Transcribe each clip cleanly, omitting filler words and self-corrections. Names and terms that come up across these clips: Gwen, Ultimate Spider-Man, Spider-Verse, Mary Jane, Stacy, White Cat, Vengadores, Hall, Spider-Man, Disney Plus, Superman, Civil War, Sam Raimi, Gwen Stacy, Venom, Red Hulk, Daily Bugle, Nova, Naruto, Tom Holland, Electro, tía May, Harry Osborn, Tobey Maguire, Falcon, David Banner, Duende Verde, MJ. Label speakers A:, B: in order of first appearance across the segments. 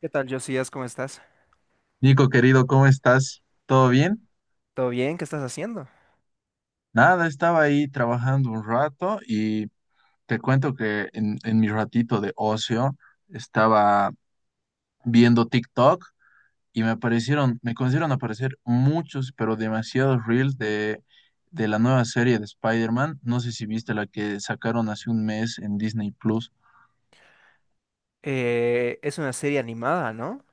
A: ¿Qué tal, Josías? ¿Cómo estás?
B: Nico, querido, ¿cómo estás? ¿Todo bien?
A: ¿Todo bien? ¿Qué estás haciendo?
B: Nada, estaba ahí trabajando un rato y te cuento que en mi ratito de ocio estaba viendo TikTok y me comenzaron a aparecer muchos, pero demasiados reels de la nueva serie de Spider-Man. No sé si viste la que sacaron hace un mes en Disney Plus.
A: Es una serie animada, ¿no?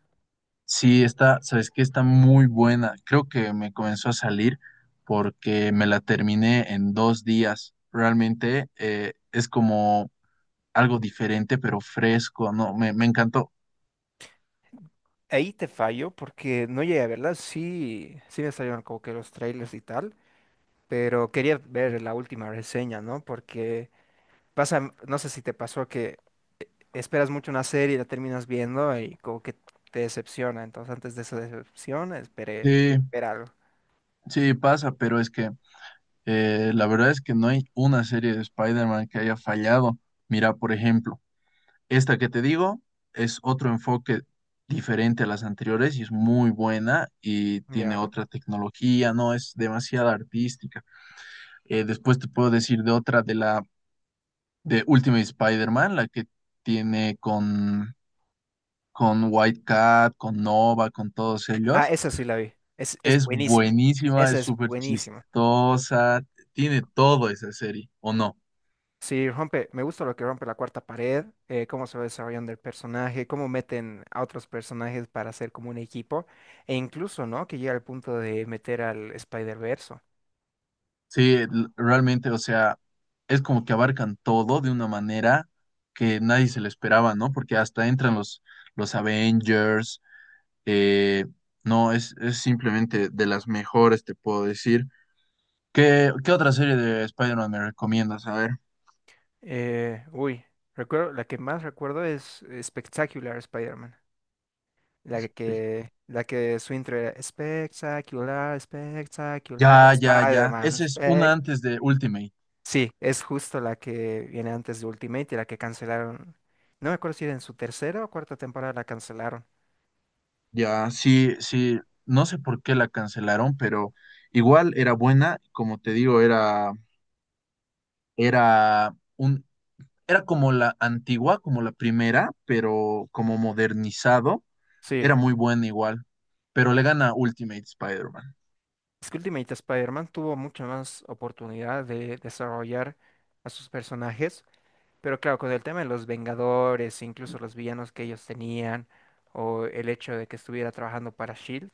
B: Sí, está, sabes que está muy buena. Creo que me comenzó a salir porque me la terminé en 2 días. Realmente es como algo diferente, pero fresco, ¿no? Me encantó.
A: Ahí te fallo porque no llegué a verla. Sí, sí me salieron como que los trailers y tal, pero quería ver la última reseña, ¿no? Porque pasa, no sé si te pasó que esperas mucho una serie y la terminas viendo y como que te decepciona. Entonces, antes de esa decepción, esperé
B: Sí,
A: ver algo.
B: sí, pasa, pero es que la verdad es que no hay una serie de Spider-Man que haya fallado. Mira, por ejemplo, esta que te digo es otro enfoque diferente a las anteriores y es muy buena y tiene
A: Ya.
B: otra tecnología, no es demasiado artística. Después te puedo decir de otra de Ultimate Spider-Man, la que tiene con White Cat, con Nova, con todos
A: Ah,
B: ellos.
A: esa sí la vi. Es
B: Es
A: buenísima.
B: buenísima,
A: Esa
B: es
A: es
B: súper
A: buenísima.
B: chistosa, tiene todo esa serie, ¿o no?
A: Sí, rompe, me gusta lo que rompe la cuarta pared, cómo se va desarrollando el personaje, cómo meten a otros personajes para hacer como un equipo, e incluso, ¿no? Que llega al punto de meter al Spider-Verse.
B: Sí, realmente, o sea, es como que abarcan todo de una manera que nadie se lo esperaba, ¿no? Porque hasta entran los Avengers, eh, no, es simplemente de las mejores, te puedo decir. ¿Qué otra serie de Spider-Man me recomiendas? A ver.
A: Eh, uy, Recuerdo, la que más recuerdo es Spectacular Spider-Man. La que su intro era espectacular, espectacular,
B: Ya, ya, ya.
A: Spider-Man,
B: Esa es una
A: spec.
B: antes de Ultimate.
A: Sí, es justo la que viene antes de Ultimate y la que cancelaron. No me acuerdo si era en su tercera o cuarta temporada la cancelaron.
B: Ya, sí, sí. No sé por qué la cancelaron, pero igual era buena. Como te digo, era un, era como la antigua, como la primera, pero como modernizado.
A: Sí,
B: Era muy buena igual. Pero le gana Ultimate Spider-Man.
A: es que Ultimate Spider-Man tuvo mucha más oportunidad de desarrollar a sus personajes. Pero claro, con el tema de los Vengadores, incluso los villanos que ellos tenían, o el hecho de que estuviera trabajando para SHIELD,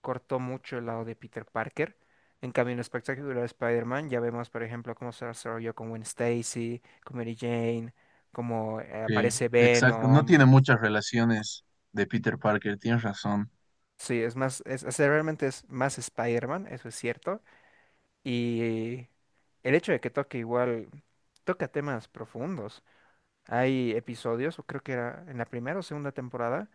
A: cortó mucho el lado de Peter Parker. En cambio, en el espectacular Spider-Man, ya vemos, por ejemplo, cómo se desarrolló con Gwen Stacy, con Mary Jane, cómo
B: Sí,
A: aparece
B: exacto. No
A: Venom.
B: tiene muchas relaciones de Peter Parker, tienes razón.
A: Sí, es más, o sea, realmente es más Spider-Man, eso es cierto. Y el hecho de que toque igual, toca temas profundos. Hay episodios, o creo que era en la primera o segunda temporada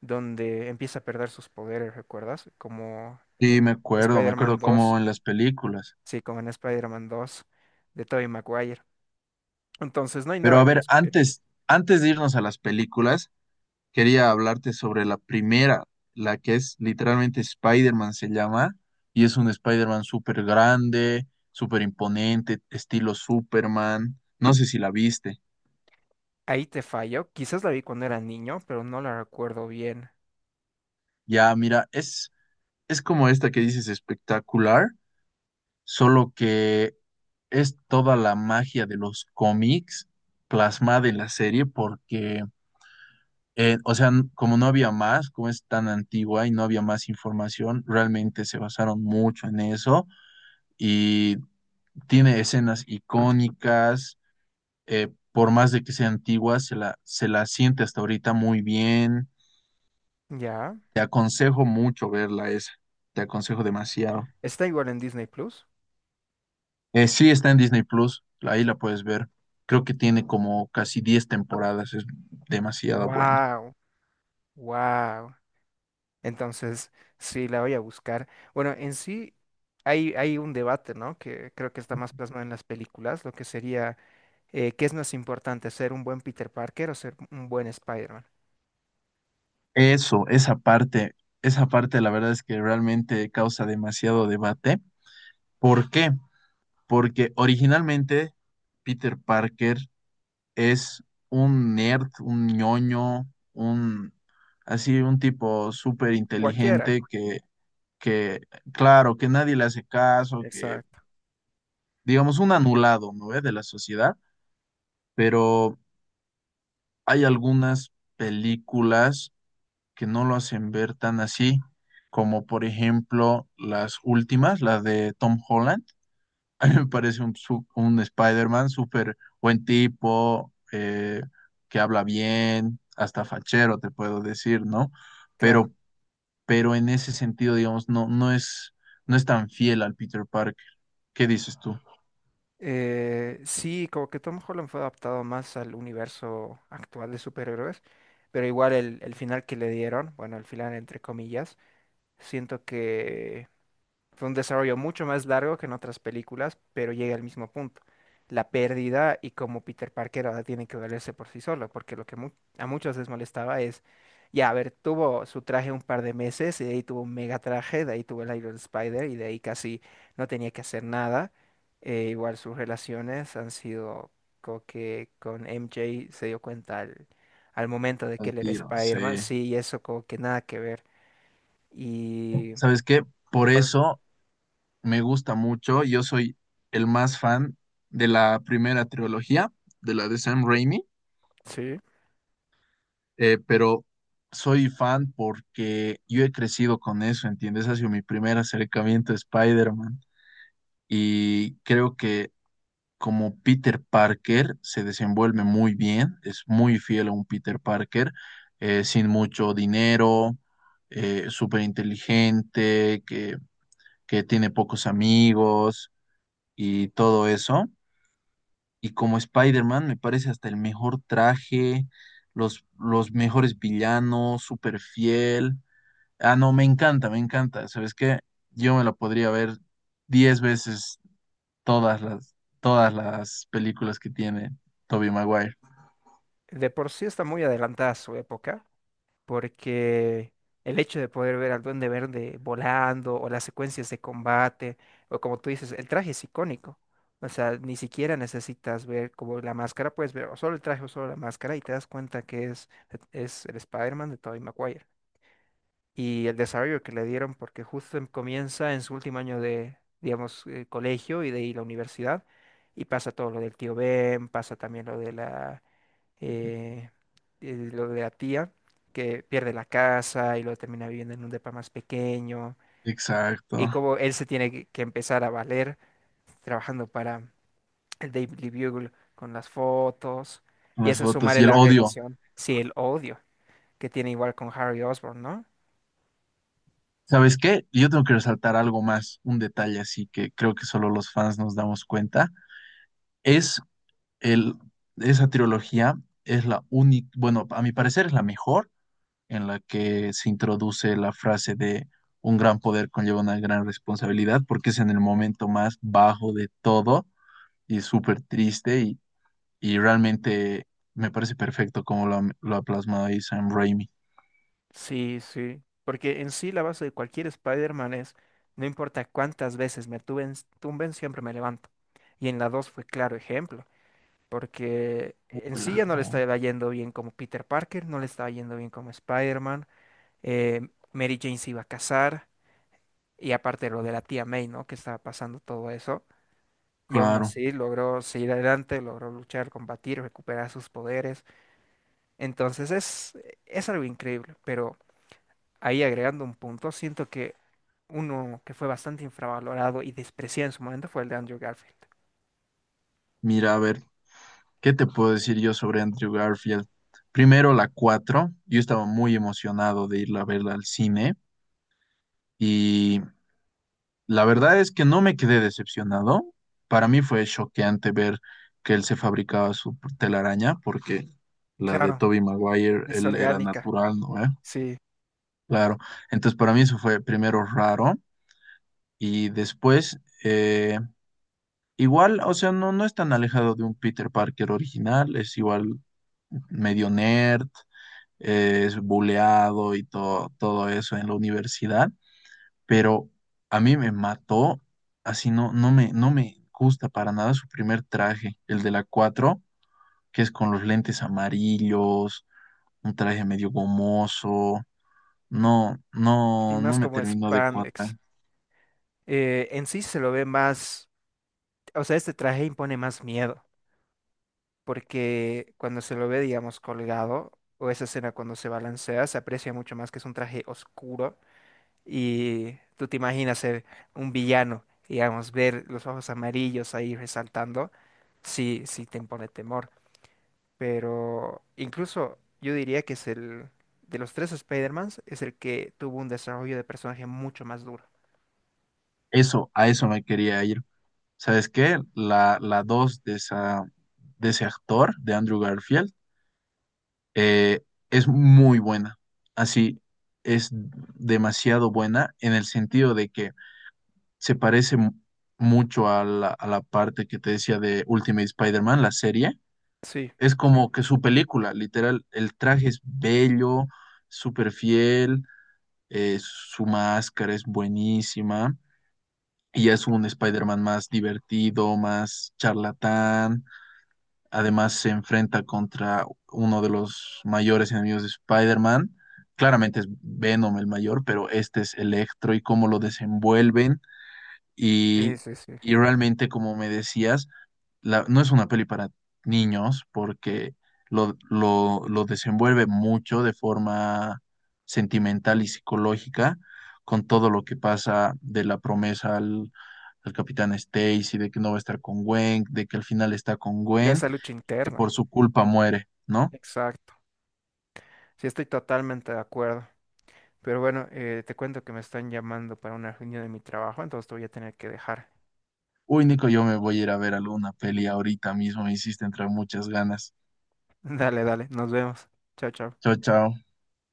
A: donde empieza a perder sus poderes, ¿recuerdas? Como
B: Sí,
A: en
B: me acuerdo
A: Spider-Man
B: como
A: 2,
B: en las películas.
A: sí, como en Spider-Man 2 de Tobey Maguire. Entonces, no hay
B: Pero
A: nada
B: a
A: que
B: ver,
A: discutir.
B: antes de irnos a las películas, quería hablarte sobre la primera, la que es literalmente Spider-Man se llama, y es un Spider-Man súper grande, súper imponente, estilo Superman. No sé si la viste.
A: Ahí te fallo. Quizás la vi cuando era niño, pero no la recuerdo bien.
B: Ya, mira, es como esta que dices espectacular, solo que es toda la magia de los cómics plasmada en la serie porque o sea, como no había más, como es tan antigua y no había más información, realmente se basaron mucho en eso y tiene escenas icónicas, por más de que sea antigua, se la siente hasta ahorita muy bien.
A: Ya.
B: Te aconsejo mucho verla esa, te aconsejo demasiado.
A: Está igual en Disney Plus.
B: Sí, está en Disney Plus, ahí la puedes ver. Creo que tiene como casi 10 temporadas, es demasiado buena.
A: Wow, wow. Entonces, sí, la voy a buscar. Bueno, en sí hay un debate, ¿no? Que creo que está más plasmado en las películas, lo que sería ¿qué es más importante, ser un buen Peter Parker o ser un buen Spider-Man?
B: Eso, esa parte, esa parte la verdad es que realmente causa demasiado debate. ¿Por qué? Porque originalmente Peter Parker es un nerd, un ñoño, un así un tipo súper
A: Cualquiera.
B: inteligente que, claro, que nadie le hace caso, que
A: Exacto,
B: digamos un anulado, ¿no? ¿Eh? De la sociedad, pero hay algunas películas que no lo hacen ver tan así, como por ejemplo las últimas, las de Tom Holland. A mí me parece un Spider-Man súper buen tipo, que habla bien, hasta fachero, te puedo decir, ¿no?
A: claro.
B: Pero, pero en ese sentido, digamos, no es tan fiel al Peter Parker. ¿Qué dices tú?
A: Sí, como que Tom Holland fue adaptado más al universo actual de superhéroes, pero igual el final que le dieron, bueno, el final entre comillas, siento que fue un desarrollo mucho más largo que en otras películas, pero llega al mismo punto. La pérdida y cómo Peter Parker ahora tiene que valerse por sí solo, porque lo que mu- a muchos les molestaba es, ya, a ver, tuvo su traje un par de meses y de ahí tuvo un mega traje, de ahí tuvo el Iron Spider y de ahí casi no tenía que hacer nada. Igual sus relaciones han sido como que con MJ se dio cuenta al momento de que
B: Al
A: él era
B: tiro, sí.
A: Spider-Man, sí, y eso como que nada que ver. Y
B: ¿Sabes qué? Por
A: igual,
B: eso me gusta mucho. Yo soy el más fan de la primera trilogía, de la de Sam Raimi,
A: sí,
B: pero soy fan porque yo he crecido con eso, ¿entiendes? Ha sido mi primer acercamiento a Spider-Man y creo que como Peter Parker se desenvuelve muy bien, es muy fiel a un Peter Parker, sin mucho dinero, súper inteligente, que tiene pocos amigos y todo eso. Y como Spider-Man, me parece hasta el mejor traje, los mejores villanos, súper fiel. Ah, no, me encanta, me encanta. ¿Sabes qué? Yo me la podría ver 10 veces todas todas las películas que tiene Tobey Maguire.
A: de por sí está muy adelantada a su época, porque el hecho de poder ver al Duende Verde volando o las secuencias de combate, o como tú dices, el traje es icónico. O sea, ni siquiera necesitas ver como la máscara, puedes ver o solo el traje o solo la máscara y te das cuenta que es el Spider-Man de Tobey Maguire. Y el desarrollo que le dieron, porque justo em- comienza en su último año de, digamos, colegio y de ahí la universidad, y pasa todo lo del tío Ben, pasa también eh, lo de la tía, que pierde la casa y luego termina viviendo en un depa más pequeño,
B: Exacto,
A: y cómo él se tiene que empezar a valer trabajando para el Daily Bugle con las fotos,
B: con
A: y
B: las
A: eso
B: fotos
A: sumarle
B: y el
A: la
B: odio.
A: relación, sí, el odio que tiene igual con Harry Osborn, ¿no?
B: ¿Sabes qué? Yo tengo que resaltar algo más, un detalle así que creo que solo los fans nos damos cuenta. Es El, esa trilogía es la única, bueno, a mi parecer es la mejor en la que se introduce la frase de un gran poder conlleva una gran responsabilidad, porque es en el momento más bajo de todo y súper triste y realmente me parece perfecto como lo ha plasmado ahí Sam Raimi.
A: Sí, sí. Porque en sí la base de cualquier Spider-Man es, no importa cuántas veces me tumben, tumben, siempre me levanto. Y en la 2 fue claro ejemplo, porque en sí
B: Hola,
A: ya no le
B: no.
A: estaba yendo bien como Peter Parker, no le estaba yendo bien como Spider-Man, eh, Mary Jane se iba a casar, y aparte lo de la tía May, ¿no? Que estaba pasando todo eso, y aún
B: Claro,
A: así logró seguir adelante, logró luchar, combatir, recuperar sus poderes, entonces es algo increíble, pero ahí agregando un punto, siento que uno que fue bastante infravalorado y despreciado en su momento fue el de Andrew Garfield.
B: mira, a ver, ¿qué te puedo decir yo sobre Andrew Garfield? Primero, la 4 yo estaba muy emocionado de irla a verla al cine y la verdad es que no me quedé decepcionado. Para mí fue choqueante ver que él se fabricaba su telaraña, porque la de
A: Claro,
B: Tobey Maguire,
A: es
B: él era
A: orgánica,
B: natural, ¿no? ¿eh?
A: sí,
B: Claro. Entonces, para mí eso fue primero raro y después, igual, o sea, no es tan alejado de un Peter Parker original, es igual medio nerd, es buleado y todo, todo eso en la universidad. Pero a mí me mató, así no me gusta para nada su primer traje, el de la 4 que es con los lentes amarillos, un traje medio gomoso,
A: y
B: no
A: más
B: me
A: como
B: terminó de cuadrar.
A: Spandex. En sí se lo ve más, o sea, este traje impone más miedo, porque cuando se lo ve, digamos, colgado, o esa escena cuando se balancea, se aprecia mucho más que es un traje oscuro y tú te imaginas ser un villano, digamos, ver los ojos amarillos ahí resaltando, sí, sí te impone temor, pero incluso yo diría que es el, de los tres Spider-Mans, es el que tuvo un desarrollo de personaje mucho más duro.
B: Eso, a eso me quería ir. ¿Sabes qué? La 2 de esa, de ese actor, de Andrew Garfield, eh, es muy buena. Así, es demasiado buena en el sentido de que se parece mucho a a la parte que te decía de Ultimate Spider-Man, la serie.
A: Sí,
B: Es como que su película, literal, el traje es bello, súper fiel, su máscara es buenísima y es un Spider-Man más divertido, más charlatán. Además se enfrenta contra uno de los mayores enemigos de Spider-Man. Claramente es Venom el mayor, pero este es Electro y cómo lo desenvuelven
A: sí,
B: y,
A: sí, sí.
B: y realmente, como me decías, no es una peli para niños porque lo desenvuelve mucho de forma sentimental y psicológica con todo lo que pasa de la promesa al capitán Stacy, de que no va a estar con Gwen, de que al final está con
A: Pero
B: Gwen
A: esa lucha
B: y que por
A: interna.
B: su culpa muere, ¿no?
A: Exacto. Sí, estoy totalmente de acuerdo. Pero bueno, te cuento que me están llamando para una reunión de mi trabajo, entonces te voy a tener que dejar.
B: Uy, Nico, yo me voy a ir a ver alguna peli ahorita mismo, me hiciste entrar muchas ganas.
A: Dale, dale, nos vemos. Chao, chao.
B: Chao, chao.